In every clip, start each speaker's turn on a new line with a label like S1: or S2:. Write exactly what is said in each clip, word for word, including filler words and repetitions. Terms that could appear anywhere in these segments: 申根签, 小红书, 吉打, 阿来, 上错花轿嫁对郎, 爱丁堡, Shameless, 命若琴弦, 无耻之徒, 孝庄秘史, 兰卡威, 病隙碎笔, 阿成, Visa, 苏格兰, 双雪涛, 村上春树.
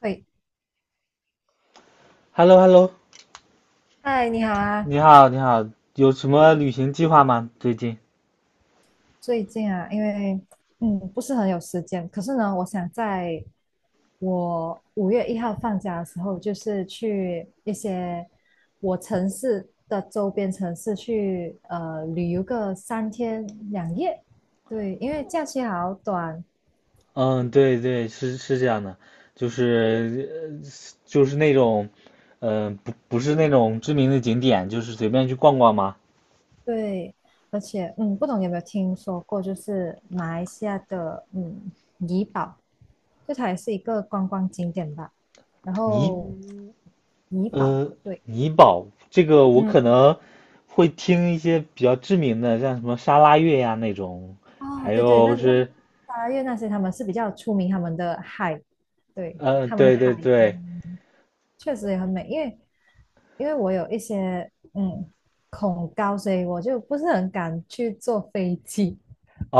S1: 可以
S2: h e l l o h e l l o
S1: 嗨，你好啊。
S2: 你好，你好，有什么旅行计划吗？最近？
S1: 最近啊，因为嗯不是很有时间，可是呢，我想在我五月一号放假的时候，就是去一些我城市的周边城市去呃旅游个三天两夜。对，因为假期好短，
S2: 嗯，对对，是是这样的，就是呃就是那种，呃，不不是那种知名的景点，就是随便去逛逛吗？
S1: 对，而且嗯，不懂你有没有听说过，就是马来西亚的嗯怡保，就它也是一个观光景点吧。然
S2: 尼，
S1: 后怡保，
S2: 呃，
S1: 对，
S2: 尼宝，这个我可
S1: 嗯，
S2: 能会听一些比较知名的，像什么沙拉越呀那种，
S1: 哦，
S2: 还
S1: 对对，
S2: 有
S1: 那那
S2: 是，
S1: 八月那些他们是比较出名他们的海，对，
S2: 呃，
S1: 他们的
S2: 对
S1: 海，
S2: 对对，
S1: 嗯，确实也很美。因为因为我有一些嗯恐高，所以我就不是很敢去坐飞机，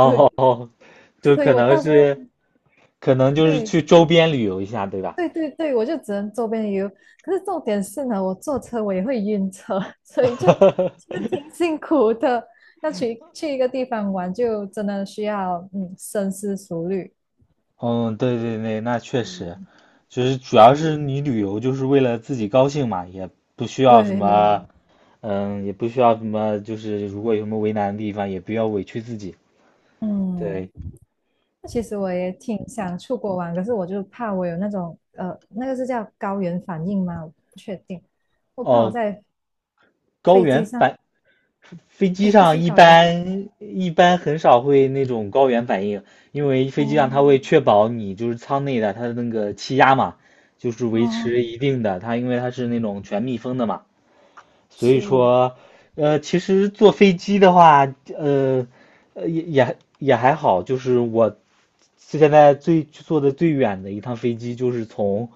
S1: 对，
S2: 就
S1: 所以
S2: 可
S1: 我
S2: 能
S1: 到时
S2: 是，
S1: 在
S2: 可能就是
S1: 对。
S2: 去周边旅游一下，对吧？
S1: 对对对，我就只能周边游。可是重点是呢，我坐车我也会晕车，所以就其实 挺 辛苦的。要去去一个地方玩，就真的需要嗯深思熟虑。
S2: 嗯，对对对，那确实，
S1: 嗯，
S2: 就是主要是你旅游就是为了自己高兴嘛，也不需要什
S1: 对，
S2: 么，
S1: 嗯，
S2: 嗯，也不需要什么，就是如果有什么为难的地方，也不要委屈自己。对，
S1: 那其实我也挺想出国玩，可是我就怕我有那种呃，那个是叫高原反应吗？我不确定，我怕我
S2: 哦，
S1: 在
S2: 高
S1: 飞
S2: 原
S1: 机上，
S2: 反飞机
S1: 哎，不
S2: 上
S1: 是
S2: 一
S1: 高原反
S2: 般一般很少会那种高原反应，因为
S1: 应，
S2: 飞机
S1: 哦
S2: 上它会确保你就是舱内的它的那个气压嘛，就是维
S1: 哦，
S2: 持一定的，它因为它是那种全密封的嘛。所以
S1: 是，
S2: 说，呃，其实坐飞机的话，呃，呃也也也还好，就是我现在最坐的最远的一趟飞机，就是从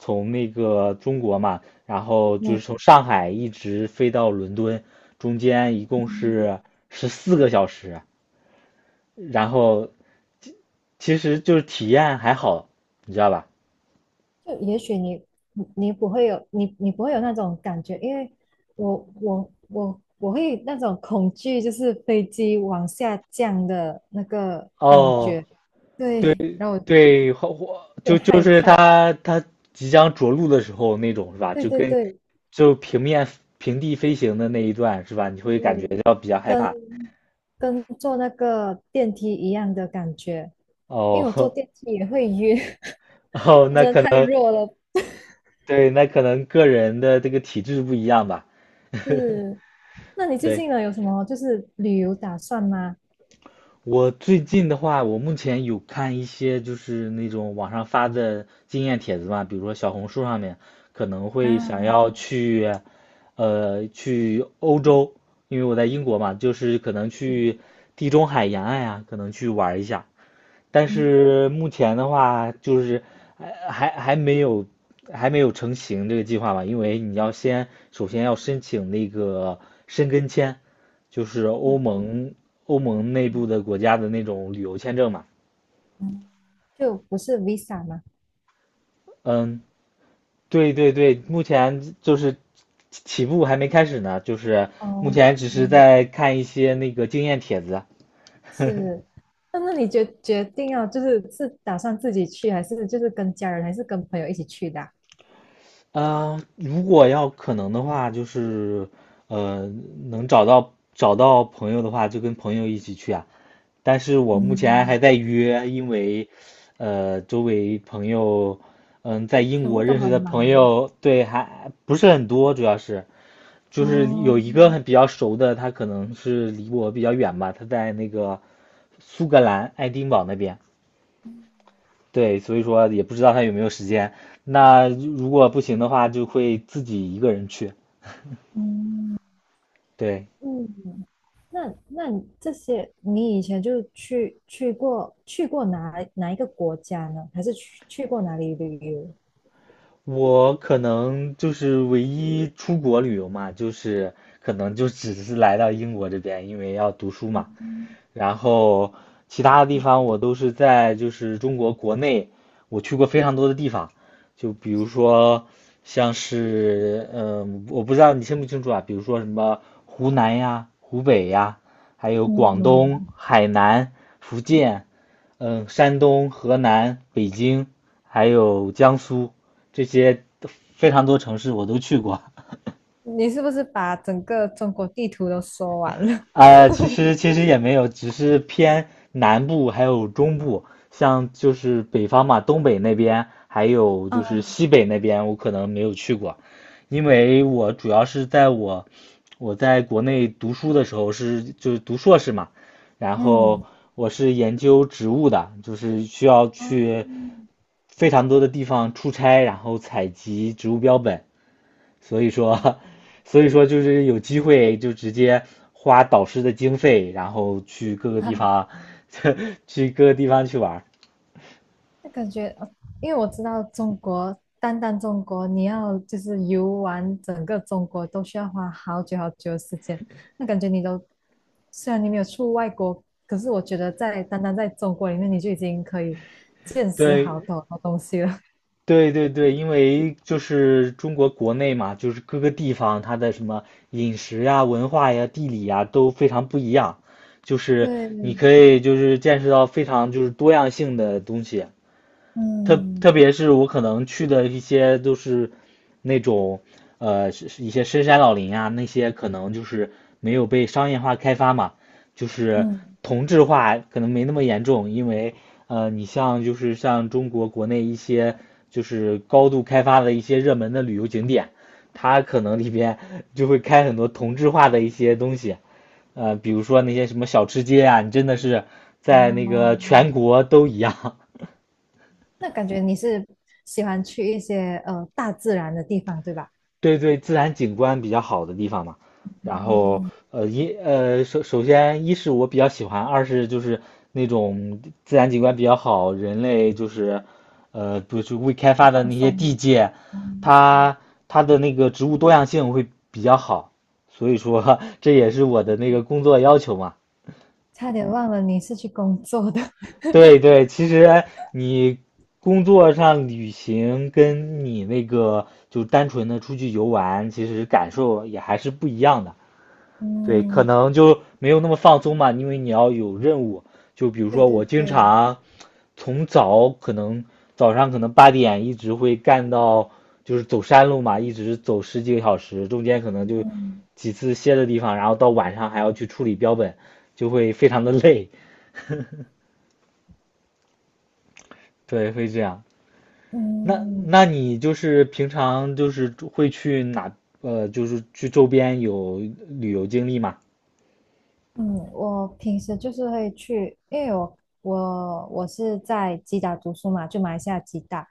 S2: 从那个中国嘛，然后就是
S1: 嗯，
S2: 从上海一直飞到伦敦，中间一共是十四个小时，然后其实就是体验还好，你知道吧？
S1: 就也许你你你不会有你你不会有那种感觉，因为我我我我会那种恐惧，就是飞机往下降的那个感
S2: 哦，
S1: 觉，
S2: 对
S1: 对，然后我有
S2: 对，火火
S1: 点
S2: 就就
S1: 害
S2: 是
S1: 怕，
S2: 他他即将着陆的时候那种是吧？
S1: 对
S2: 就
S1: 对
S2: 跟
S1: 对
S2: 就平面平地飞行的那一段是吧？你会感觉
S1: 对，
S2: 到比较害
S1: 跟
S2: 怕。
S1: 跟坐那个电梯一样的感觉，因为我坐
S2: 哦
S1: 电梯也会晕，
S2: 哦，那
S1: 真的
S2: 可
S1: 太
S2: 能
S1: 弱了，
S2: 对，那可能个人的这个体质不一样吧。
S1: 是。那你最
S2: 对，
S1: 近呢有什么就是旅游打算吗？
S2: 我最近的话，我目前有看一些就是那种网上发的经验帖子嘛，比如说小红书上面可能会想
S1: 啊，
S2: 要去，呃，去欧洲，因为我在英国嘛，就是可能去
S1: 嗯
S2: 地中海沿岸啊，可能去玩一下。但
S1: 嗯。
S2: 是目前的话，就是还还还没有还没有成型这个计划吧，因为你要先首先要申请那个申根签，就是
S1: 哦
S2: 欧盟欧盟内部的国家的那种旅游签证嘛。
S1: 嗯，就不是 Visa 吗？
S2: 嗯，对对对，目前就是起步还没开始呢，就是目
S1: 哦，
S2: 前只是
S1: 嗯，
S2: 在看一些那个经验帖子。
S1: 是。那那你决决定要就是是打算自己去，还是就是跟家人，还是跟朋友一起去的啊
S2: 啊，如果要可能的话，就是呃，能找到找到朋友的话，就跟朋友一起去啊。但是我目前
S1: 嗯，
S2: 还在约，因为呃，周围朋友，嗯，在英
S1: 全部
S2: 国
S1: 都
S2: 认识
S1: 很
S2: 的朋
S1: 忙。
S2: 友，对，还不是很多，主要是就是
S1: 哦，
S2: 有一个很比较熟的，他可能是离我比较远吧，他在那个苏格兰爱丁堡那边。对，所以说也不知道他有没有时间。那如果不行的话，就会自己一个人去。
S1: 嗯
S2: 对，
S1: 嗯，那那你这些你以前就去去过去过哪哪一个国家呢？还是去去过哪里旅游？
S2: 我可能就是唯一出国旅游嘛，就是可能就只是来到英国这边，因为要读书嘛。
S1: 嗯，
S2: 然后其他的地方我都是在就是中国国内，我去过非常多的地方，就比如说像是嗯，我不知道你清不清楚啊，比如说什么湖南呀、湖北呀，还有广东、
S1: 嗯
S2: 海南、福建，嗯，山东、河南、北京，还有江苏这些非常多城市我都去过。
S1: 你是不是把整个中国地图都说完了？
S2: 呃，其实其实也没有，只是偏南部还有中部，像就是北方嘛，东北那边还有 就是
S1: 嗯
S2: 西北那边，我可能没有去过，因为我主要是在我我在国内读书的时候是就是读硕士嘛，然后
S1: 嗯，
S2: 我是研究植物的，就是需要
S1: 哦，
S2: 去非常多的地方出差，然后采集植物标本，所以说，所以说就是有机会就直接花导师的经费，然后去各个地 方，去各个地方去玩儿。
S1: 那感觉，呃因为我知道中国，单单中国，你要就是游玩整个中国都需要花好久好久的时间。那感觉你都，虽然你没有出外国，可是我觉得在单单在中国里面，你就已经可以见识好多好多东西了。
S2: 对对对对，因为就是中国国内嘛，就是各个地方它的什么饮食呀、文化呀、地理呀都非常不一样，就 是
S1: 对，
S2: 你可以就是见识到非常就是多样性的东西。特特
S1: 嗯
S2: 别是我可能去的一些都是那种呃是一些深山老林啊，那些可能就是没有被商业化开发嘛，就是
S1: 嗯，
S2: 同质化可能没那么严重，因为呃你像就是像中国国内一些就是高度开发的一些热门的旅游景点，它可能里边 就会开很多同质化的一些东西。呃，比如说那些什么小吃街啊，你真的是在那
S1: 哦，
S2: 个全国都一样，
S1: 那感觉你是喜欢去一些呃大自然的地方，对吧？
S2: 对对，自然景观比较好的地方嘛。然后，
S1: 嗯，
S2: 呃，一呃，首首先，一是我比较喜欢，二是就是那种自然景观比较好，人类就是，呃，不是未开
S1: 比较
S2: 发的
S1: 放
S2: 那些地
S1: 松。
S2: 界，
S1: 嗯
S2: 它它的那个植物多样性会比较好，所以说 这也是我的
S1: 嗯
S2: 那个
S1: 嗯
S2: 工作要求嘛。
S1: 差点忘了你是去工作的。
S2: 对对，其实你工作上旅行跟你那个就单纯的出去游玩，其实感受也还是不一样的。对，可
S1: 嗯，
S2: 能就没有那么放松嘛，因为你要有任务。就比如
S1: 对
S2: 说，
S1: 对
S2: 我经
S1: 对，
S2: 常从早可能早上可能八点一直会干到，就是走山路嘛，一直走十几个小时，中间可能就
S1: 嗯
S2: 几次歇的地方，然后到晚上还要去处理标本，就会非常的累。对，会这样。那
S1: 嗯，
S2: 那你就是平常就是会去哪？呃，就是去周边有旅游经历吗？
S1: 嗯，我平时就是会去，因为我我我是在吉打读书嘛，就马来西亚吉打，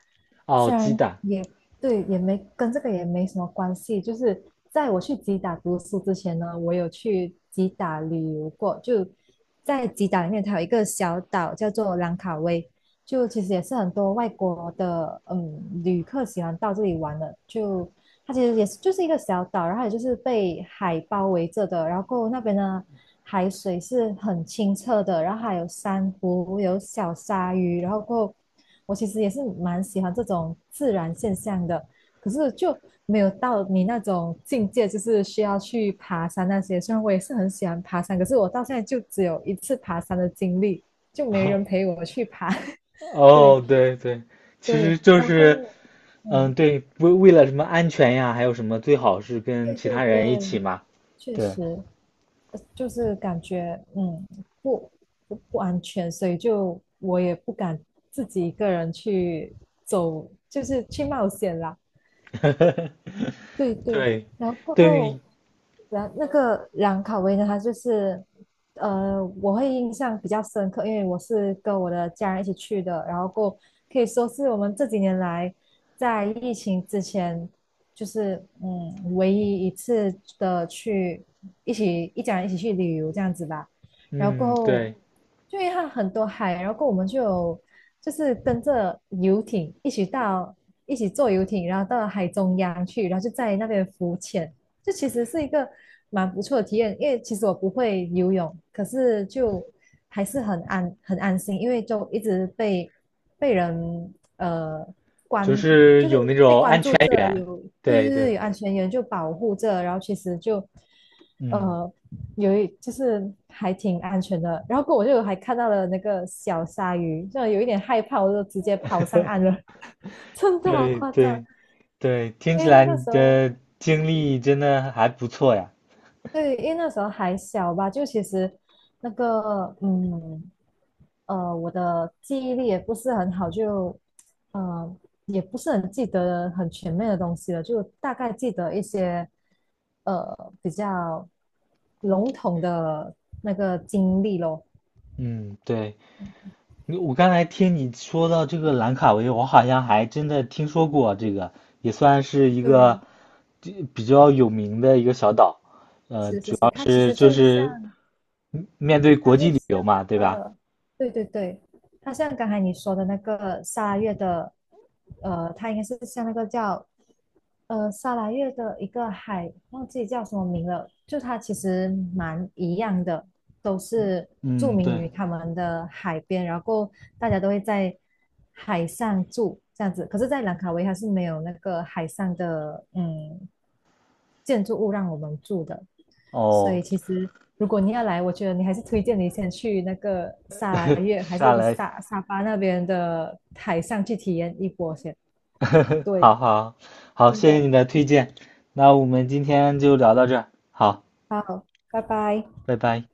S2: 哦，
S1: 虽
S2: 鸡
S1: 然
S2: 蛋。
S1: 也对，也没跟这个也没什么关系，就是在我去吉打读书之前呢，我有去吉打旅游过，就在吉打里面，它有一个小岛叫做兰卡威，就其实也是很多外国的嗯旅客喜欢到这里玩的，就它其实也是就是一个小岛，然后也就是被海包围着的，然后那边呢，海水是很清澈的，然后还有珊瑚，有小鲨鱼，然后过后我其实也是蛮喜欢这种自然现象的，可是就没有到你那种境界，就是需要去爬山那些。虽然我也是很喜欢爬山，可是我到现在就只有一次爬山的经历，就没人 陪我去爬。对
S2: 哦，对对，其实
S1: 对，
S2: 就
S1: 然
S2: 是，
S1: 后嗯，
S2: 嗯，对，为为了什么安全呀，还有什么最好是跟
S1: 对
S2: 其
S1: 对
S2: 他
S1: 对。
S2: 人一起嘛，
S1: 确
S2: 对，
S1: 实，呃就是感觉嗯不不不安全，所以就我也不敢自己一个人去走，就是去冒险啦。对对，
S2: 对，
S1: 然后过
S2: 对，
S1: 后，然那个兰卡威呢，它就是，呃，我会印象比较深刻，因为我是跟我的家人一起去的，然后过后可以说是我们这几年来在疫情之前，就是嗯，唯一一次的去一起一家人一起去旅游这样子吧。然后过
S2: 嗯，
S1: 后
S2: 对，
S1: 就因为它很多海，然后后我们就有就是跟着游艇一起到一起坐游艇，然后到海中央去，然后就在那边浮潜，这其实是一个蛮不错的体验。因为其实我不会游泳，可是就还是很安很安心，因为就一直被被人呃
S2: 就
S1: 关，
S2: 是
S1: 就是
S2: 有那
S1: 被
S2: 种
S1: 关
S2: 安全
S1: 注着，
S2: 员，
S1: 有对
S2: 对
S1: 对对，
S2: 对，
S1: 有安全员就保护着，然后其实就
S2: 嗯，
S1: 呃有一就是还挺安全的。然后过我就还看到了那个小鲨鱼，就有一点害怕，我就直接跑上岸了，真的好
S2: 对
S1: 夸张。
S2: 对对，
S1: 因
S2: 听起
S1: 为那
S2: 来
S1: 个
S2: 你
S1: 时候，
S2: 的经历真的还不错呀，
S1: 对，因为那时候还小吧，就其实那个嗯呃，我的记忆力也不是很好，就呃也不是很记得很全面的东西了，就大概记得一些呃比较笼统的那个经历咯。
S2: 嗯，对。你我刚才听你说到这个兰卡威，我好像还真的听说过这个，也算是一个
S1: 对，
S2: 这比较有名的一个小岛，呃，
S1: 是是
S2: 主
S1: 是，
S2: 要
S1: 它其
S2: 是
S1: 实
S2: 就
S1: 就
S2: 是
S1: 像，
S2: 嗯面对
S1: 它
S2: 国
S1: 就
S2: 际旅
S1: 像
S2: 游
S1: 那
S2: 嘛，对吧？
S1: 个，对对对，它像刚才你说的那个沙拉月的，呃，它应该是像那个叫，呃，沙拉月的一个海，忘记叫什么名了，就它其实蛮一样的，都是著
S2: 嗯，
S1: 名
S2: 对，
S1: 于他们的海边，然后大家都会在海上住这样子，可是，在兰卡威它是没有那个海上的，嗯，建筑物让我们住的。所
S2: 哦，
S1: 以其实如果你要来，我觉得你还是推荐你先去那个沙拉 月，还
S2: 下
S1: 是
S2: 来，
S1: 沙沙巴那边的海上去体验一波先。对，
S2: 好好好，
S1: 真
S2: 谢谢
S1: 的，
S2: 你的推荐，那我们今天就聊到这儿，好，
S1: 好，拜拜。
S2: 拜拜。